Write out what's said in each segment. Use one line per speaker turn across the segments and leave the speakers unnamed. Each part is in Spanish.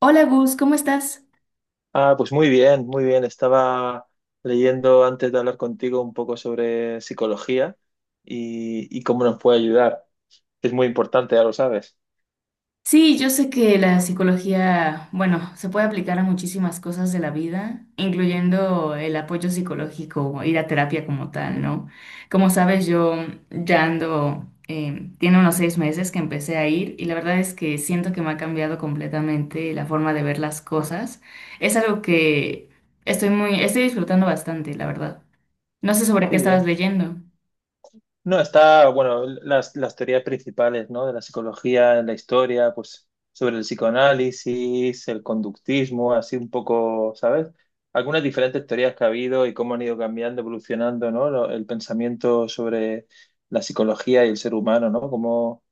Hola Gus, ¿cómo estás?
Ah, pues muy bien, muy bien. Estaba leyendo antes de hablar contigo un poco sobre psicología y cómo nos puede ayudar. Es muy importante, ya lo sabes.
Sí, yo sé que la psicología, bueno, se puede aplicar a muchísimas cosas de la vida, incluyendo el apoyo psicológico, ir a terapia como tal, ¿no? Como sabes, yo ya ando, tiene unos 6 meses que empecé a ir y la verdad es que siento que me ha cambiado completamente la forma de ver las cosas. Es algo que estoy disfrutando bastante, la verdad. No sé sobre qué
Qué
estabas
bien.
leyendo.
No, está, bueno, las teorías principales, ¿no? De la psicología en la historia, pues sobre el psicoanálisis, el conductismo, así un poco, ¿sabes? Algunas diferentes teorías que ha habido y cómo han ido cambiando, evolucionando, ¿no? El pensamiento sobre la psicología y el ser humano, ¿no? Cómo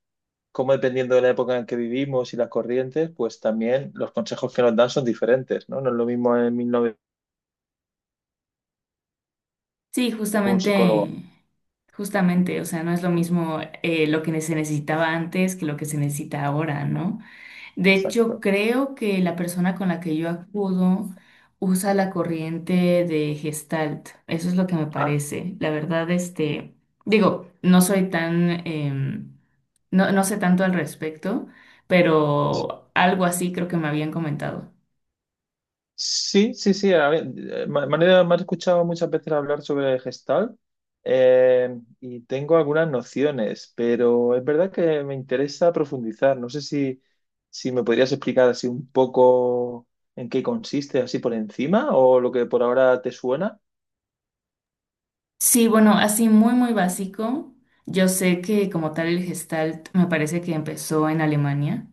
cómo dependiendo de la época en que vivimos y las corrientes, pues también los consejos que nos dan son diferentes, ¿no? No es lo mismo en 1900
Sí,
un psicólogo.
justamente, justamente, o sea, no es lo mismo lo que se necesitaba antes que lo que se necesita ahora, ¿no? De hecho,
Exacto.
creo que la persona con la que yo acudo usa la corriente de Gestalt, eso es lo que me
Ah,
parece. La verdad, este, digo, no soy tan, no, no sé tanto al respecto, pero algo así creo que me habían comentado.
sí, sí, sí. A ver, manera, me has escuchado muchas veces hablar sobre Gestalt y tengo algunas nociones, pero es verdad que me interesa profundizar. No sé si, si me podrías explicar así un poco en qué consiste, así por encima, o lo que por ahora te suena.
Sí, bueno, así muy, muy básico. Yo sé que como tal el Gestalt me parece que empezó en Alemania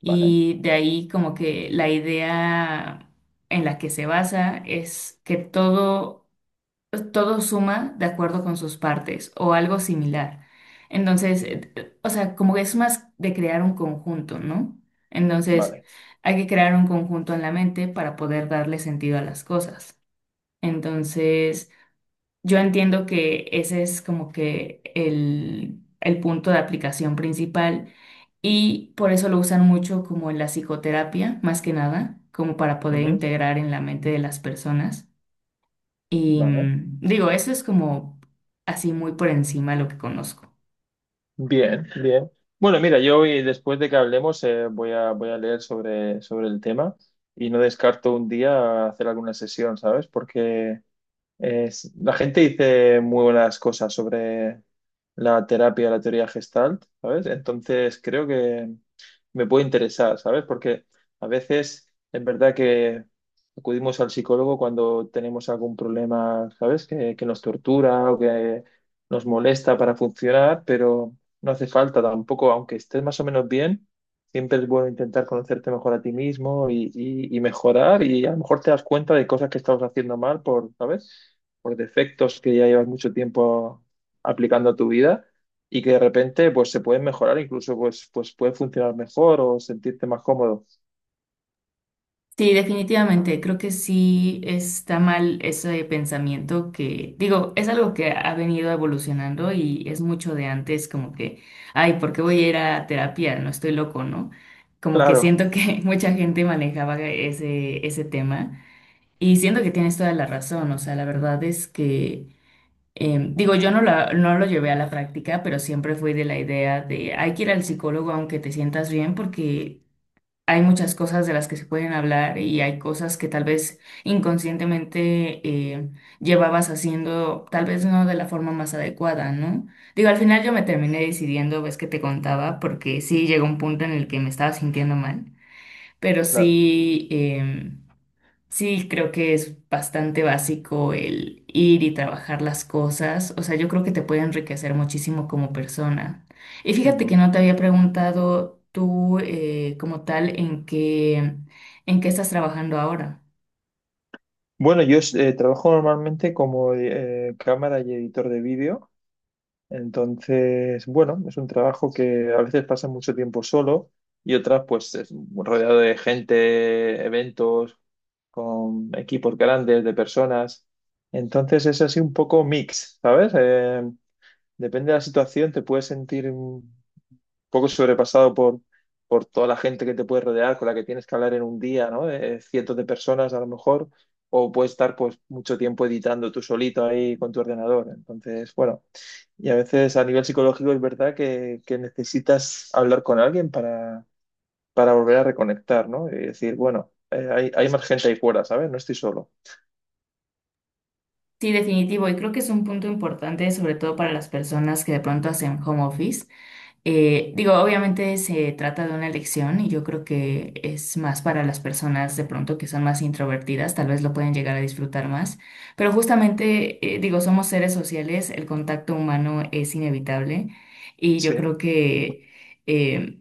Vale,
y de ahí como que la idea en la que se basa es que todo, todo suma de acuerdo con sus partes o algo similar. Entonces, o sea, como que es más de crear un conjunto, ¿no? Entonces,
vale.
hay que crear un conjunto en la mente para poder darle sentido a las cosas. Entonces, yo entiendo que ese es como que el punto de aplicación principal y por eso lo usan mucho como en la psicoterapia, más que nada, como para poder
Ujú.
integrar en la mente de las personas. Y
Vale.
digo, eso es como así muy por encima lo que conozco.
Bien, bien. Bueno, mira, yo hoy, después de que hablemos, voy a, voy a leer sobre, sobre el tema y no descarto un día hacer alguna sesión, ¿sabes? Porque la gente dice muy buenas cosas sobre la terapia, la teoría Gestalt, ¿sabes? Entonces creo que me puede interesar, ¿sabes? Porque a veces es verdad que acudimos al psicólogo cuando tenemos algún problema, ¿sabes? Que nos tortura o que nos molesta para funcionar, pero no hace falta tampoco, aunque estés más o menos bien, siempre es bueno intentar conocerte mejor a ti mismo y mejorar y a lo mejor te das cuenta de cosas que estabas haciendo mal por, ¿sabes? Por defectos que ya llevas mucho tiempo aplicando a tu vida y que de repente pues se pueden mejorar, incluso pues, pues puede funcionar mejor o sentirte más cómodo.
Sí, definitivamente. Creo que sí está mal ese pensamiento que, digo, es algo que ha venido evolucionando y es mucho de antes, como que, ay, ¿por qué voy a ir a terapia? No estoy loco, ¿no? Como que
Claro,
siento que mucha gente manejaba ese tema y siento que tienes toda la razón. O sea, la verdad es que, digo, yo no, no lo llevé a la práctica, pero siempre fui de la idea de, hay que ir al psicólogo aunque te sientas bien porque hay muchas cosas de las que se pueden hablar y hay cosas que tal vez inconscientemente llevabas haciendo, tal vez no de la forma más adecuada, ¿no? Digo, al final yo me terminé decidiendo, ves que te contaba, porque sí llegó un punto en el que me estaba sintiendo mal, pero
claro.
sí. Sí, creo que es bastante básico el ir y trabajar las cosas. O sea, yo creo que te puede enriquecer muchísimo como persona. Y fíjate que
Ujú.
no te había preguntado tú eh, como tal, en qué estás trabajando ahora.
Bueno, yo trabajo normalmente como cámara y editor de vídeo, entonces, bueno, es un trabajo que a veces pasa mucho tiempo solo y otras pues es rodeado de gente, eventos, con equipos grandes, de personas. Entonces es así un poco mix, ¿sabes? Depende de la situación, te puedes sentir poco sobrepasado por toda la gente que te puede rodear, con la que tienes que hablar en un día, ¿no? Cientos de personas a lo mejor, o puedes estar pues mucho tiempo editando tú solito ahí con tu ordenador. Entonces, bueno, y a veces a nivel psicológico es verdad que necesitas hablar con alguien para volver a reconectar, ¿no? Y decir, bueno, hay, hay más gente ahí fuera, ¿sabes? No estoy solo.
Sí, definitivo. Y creo que es un punto importante, sobre todo para las personas que de pronto hacen home office. Digo, obviamente se trata de una elección y yo creo que es más para las personas de pronto que son más introvertidas, tal vez lo pueden llegar a disfrutar más, pero justamente, digo, somos seres sociales, el contacto humano es inevitable y yo
Sí,
creo que, eh,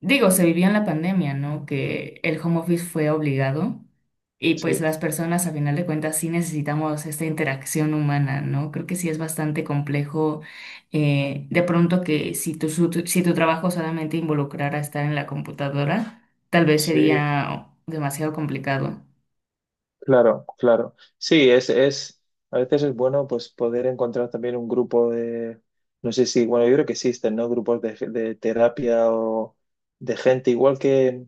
digo, se vivió en la pandemia, ¿no? Que el home office fue obligado y pues
sí,
las personas, a final de cuentas, sí necesitamos esta interacción humana, ¿no? Creo que sí es bastante complejo de pronto que si tu trabajo solamente involucrara estar en la computadora, tal vez
sí.
sería demasiado complicado.
Claro, claro. Sí, es, a veces es bueno pues poder encontrar también un grupo de, no sé si, bueno, yo creo que existen, ¿no? Grupos de terapia o de gente, igual que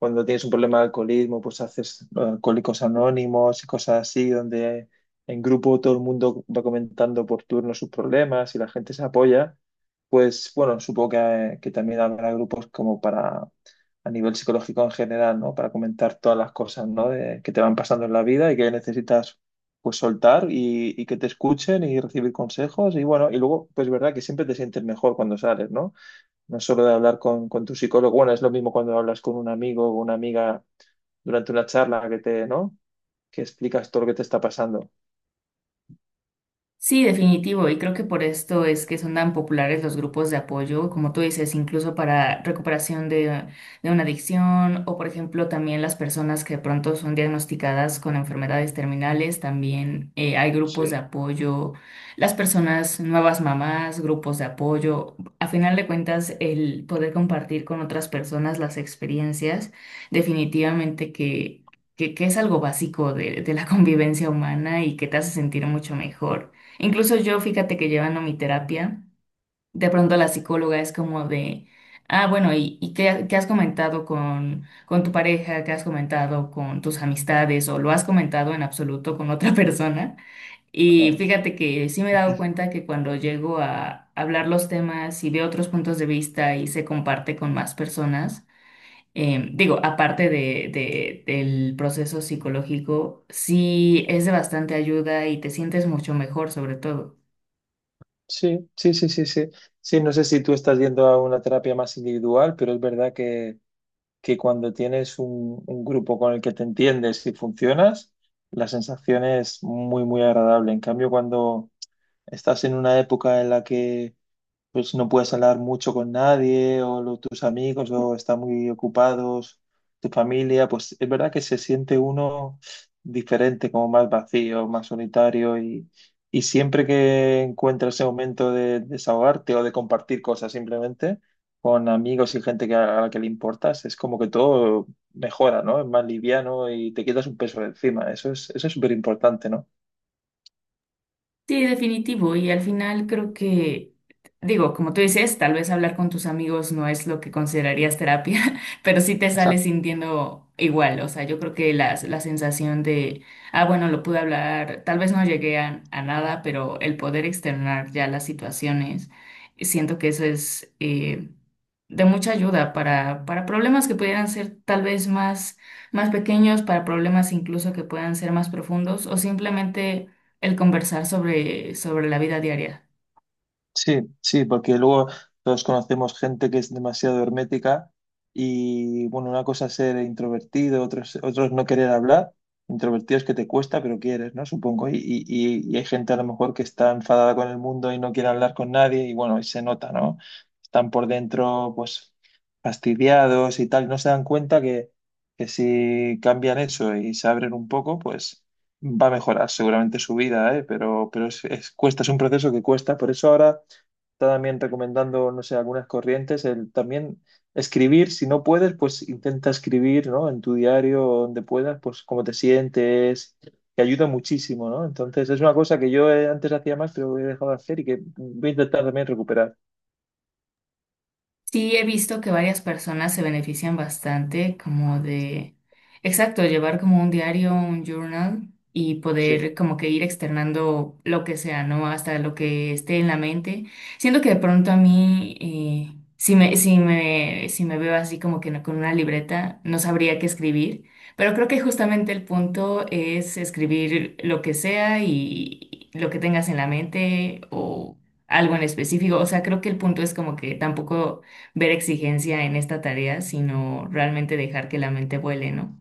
cuando tienes un problema de alcoholismo, pues haces alcohólicos anónimos y cosas así, donde en grupo todo el mundo va comentando por turno sus problemas y la gente se apoya. Pues bueno, supongo que también habrá grupos como para, a nivel psicológico en general, ¿no? Para comentar todas las cosas, ¿no? Que te van pasando en la vida y que necesitas pues soltar y que te escuchen y recibir consejos. Y bueno, y luego, pues es verdad que siempre te sientes mejor cuando sales, ¿no? No solo de hablar con tu psicólogo, bueno, es lo mismo cuando hablas con un amigo o una amiga durante una charla que te, ¿no? Que explicas todo lo que te está pasando.
Sí, definitivo, y creo que por esto es que son tan populares los grupos de apoyo, como tú dices, incluso para recuperación de una adicción o, por ejemplo, también las personas que de pronto son diagnosticadas con enfermedades terminales, también hay
Sí.
grupos de apoyo, las personas nuevas mamás, grupos de apoyo. A final de cuentas, el poder compartir con otras personas las experiencias, definitivamente que, que es algo básico de la convivencia humana y que te hace sentir mucho mejor. Incluso yo, fíjate que llevando mi terapia, de pronto la psicóloga es como de, ah, bueno, ¿ y qué, ¿qué has comentado con tu pareja? ¿Qué has comentado con tus amistades? ¿O lo has comentado en absoluto con otra persona? Y
Claro.
fíjate que sí me he dado cuenta que cuando llego a hablar los temas y veo otros puntos de vista y se comparte con más personas, digo, aparte del proceso psicológico, sí es de bastante ayuda y te sientes mucho mejor sobre todo.
Sí, sí, sí, sí, sí. Sí, no sé si tú estás yendo a una terapia más individual, pero es verdad que cuando tienes un grupo con el que te entiendes y funcionas, la sensación es muy, muy agradable. En cambio, cuando estás en una época en la que pues no puedes hablar mucho con nadie o tus amigos o están muy ocupados, tu familia, pues es verdad que se siente uno diferente, como más vacío, más solitario y siempre que encuentras ese momento de desahogarte o de compartir cosas simplemente con amigos y gente que a la que le importas, es como que todo mejora, ¿no? Es más liviano y te quitas un peso de encima. Eso es súper importante, ¿no?
Sí, definitivo. Y al final creo que, digo, como tú dices, tal vez hablar con tus amigos no es lo que considerarías terapia, pero sí te sales sintiendo igual. O sea, yo creo que la sensación de, ah, bueno, lo pude hablar, tal vez no llegué a nada, pero el poder externar ya las situaciones, siento que eso es de mucha ayuda para problemas que pudieran ser tal vez más, más pequeños, para problemas incluso que puedan ser más profundos o simplemente el conversar sobre la vida diaria.
Sí, sí, porque luego todos conocemos gente que es demasiado hermética y bueno, una cosa es ser introvertido, otros, otros no querer hablar. Introvertido es que te cuesta, pero quieres, ¿no? Supongo. Y hay gente a lo mejor que está enfadada con el mundo y no quiere hablar con nadie y bueno, y se nota, ¿no? Están por dentro, pues, fastidiados y tal. No se dan cuenta que si cambian eso y se abren un poco, pues va a mejorar seguramente su vida, ¿eh? Pero es, cuesta, es un proceso que cuesta. Por eso ahora está también recomendando, no sé, algunas corrientes, el también escribir, si no puedes, pues intenta escribir, ¿no? En tu diario, o donde puedas, pues cómo te sientes, que ayuda muchísimo, ¿no? Entonces, es una cosa que yo antes hacía más, pero he dejado de hacer y que voy a intentar también recuperar.
Sí, he visto que varias personas se benefician bastante como de, exacto, llevar como un diario, un journal y
Sí.
poder como que ir externando lo que sea, ¿no? Hasta lo que esté en la mente. Siento que de pronto a mí, si me veo así como que no- con una libreta, no sabría qué escribir, pero creo que justamente el punto es escribir lo que sea y lo que tengas en la mente o algo en específico. O sea, creo que el punto es como que tampoco ver exigencia en esta tarea, sino realmente dejar que la mente vuele, ¿no?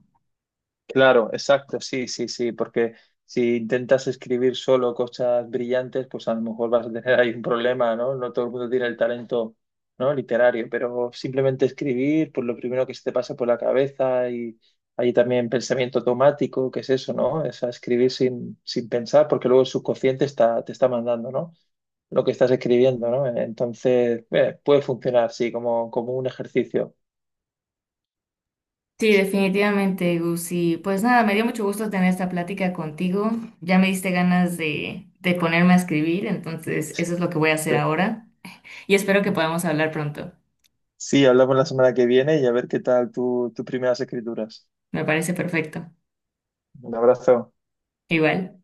Claro, exacto, sí, sí, sí, porque si intentas escribir solo cosas brillantes, pues a lo mejor vas a tener ahí un problema, ¿no? No todo el mundo tiene el talento, ¿no? Literario, pero simplemente escribir, pues lo primero que se te pasa por la cabeza y hay también pensamiento automático, que es eso, ¿no? Es a escribir sin, sin pensar, porque luego el subconsciente está, te está mandando, ¿no? Lo que estás escribiendo, ¿no? Entonces, puede funcionar, sí, como, como un ejercicio.
Sí, definitivamente, Gus, pues nada, me dio mucho gusto tener esta plática contigo. Ya me diste ganas de ponerme a escribir, entonces eso es lo que voy a hacer
Sí.
ahora. Y espero que podamos hablar pronto.
Sí, hablamos la semana que viene y a ver qué tal tu, tus primeras escrituras.
Me parece perfecto.
Un abrazo.
Igual.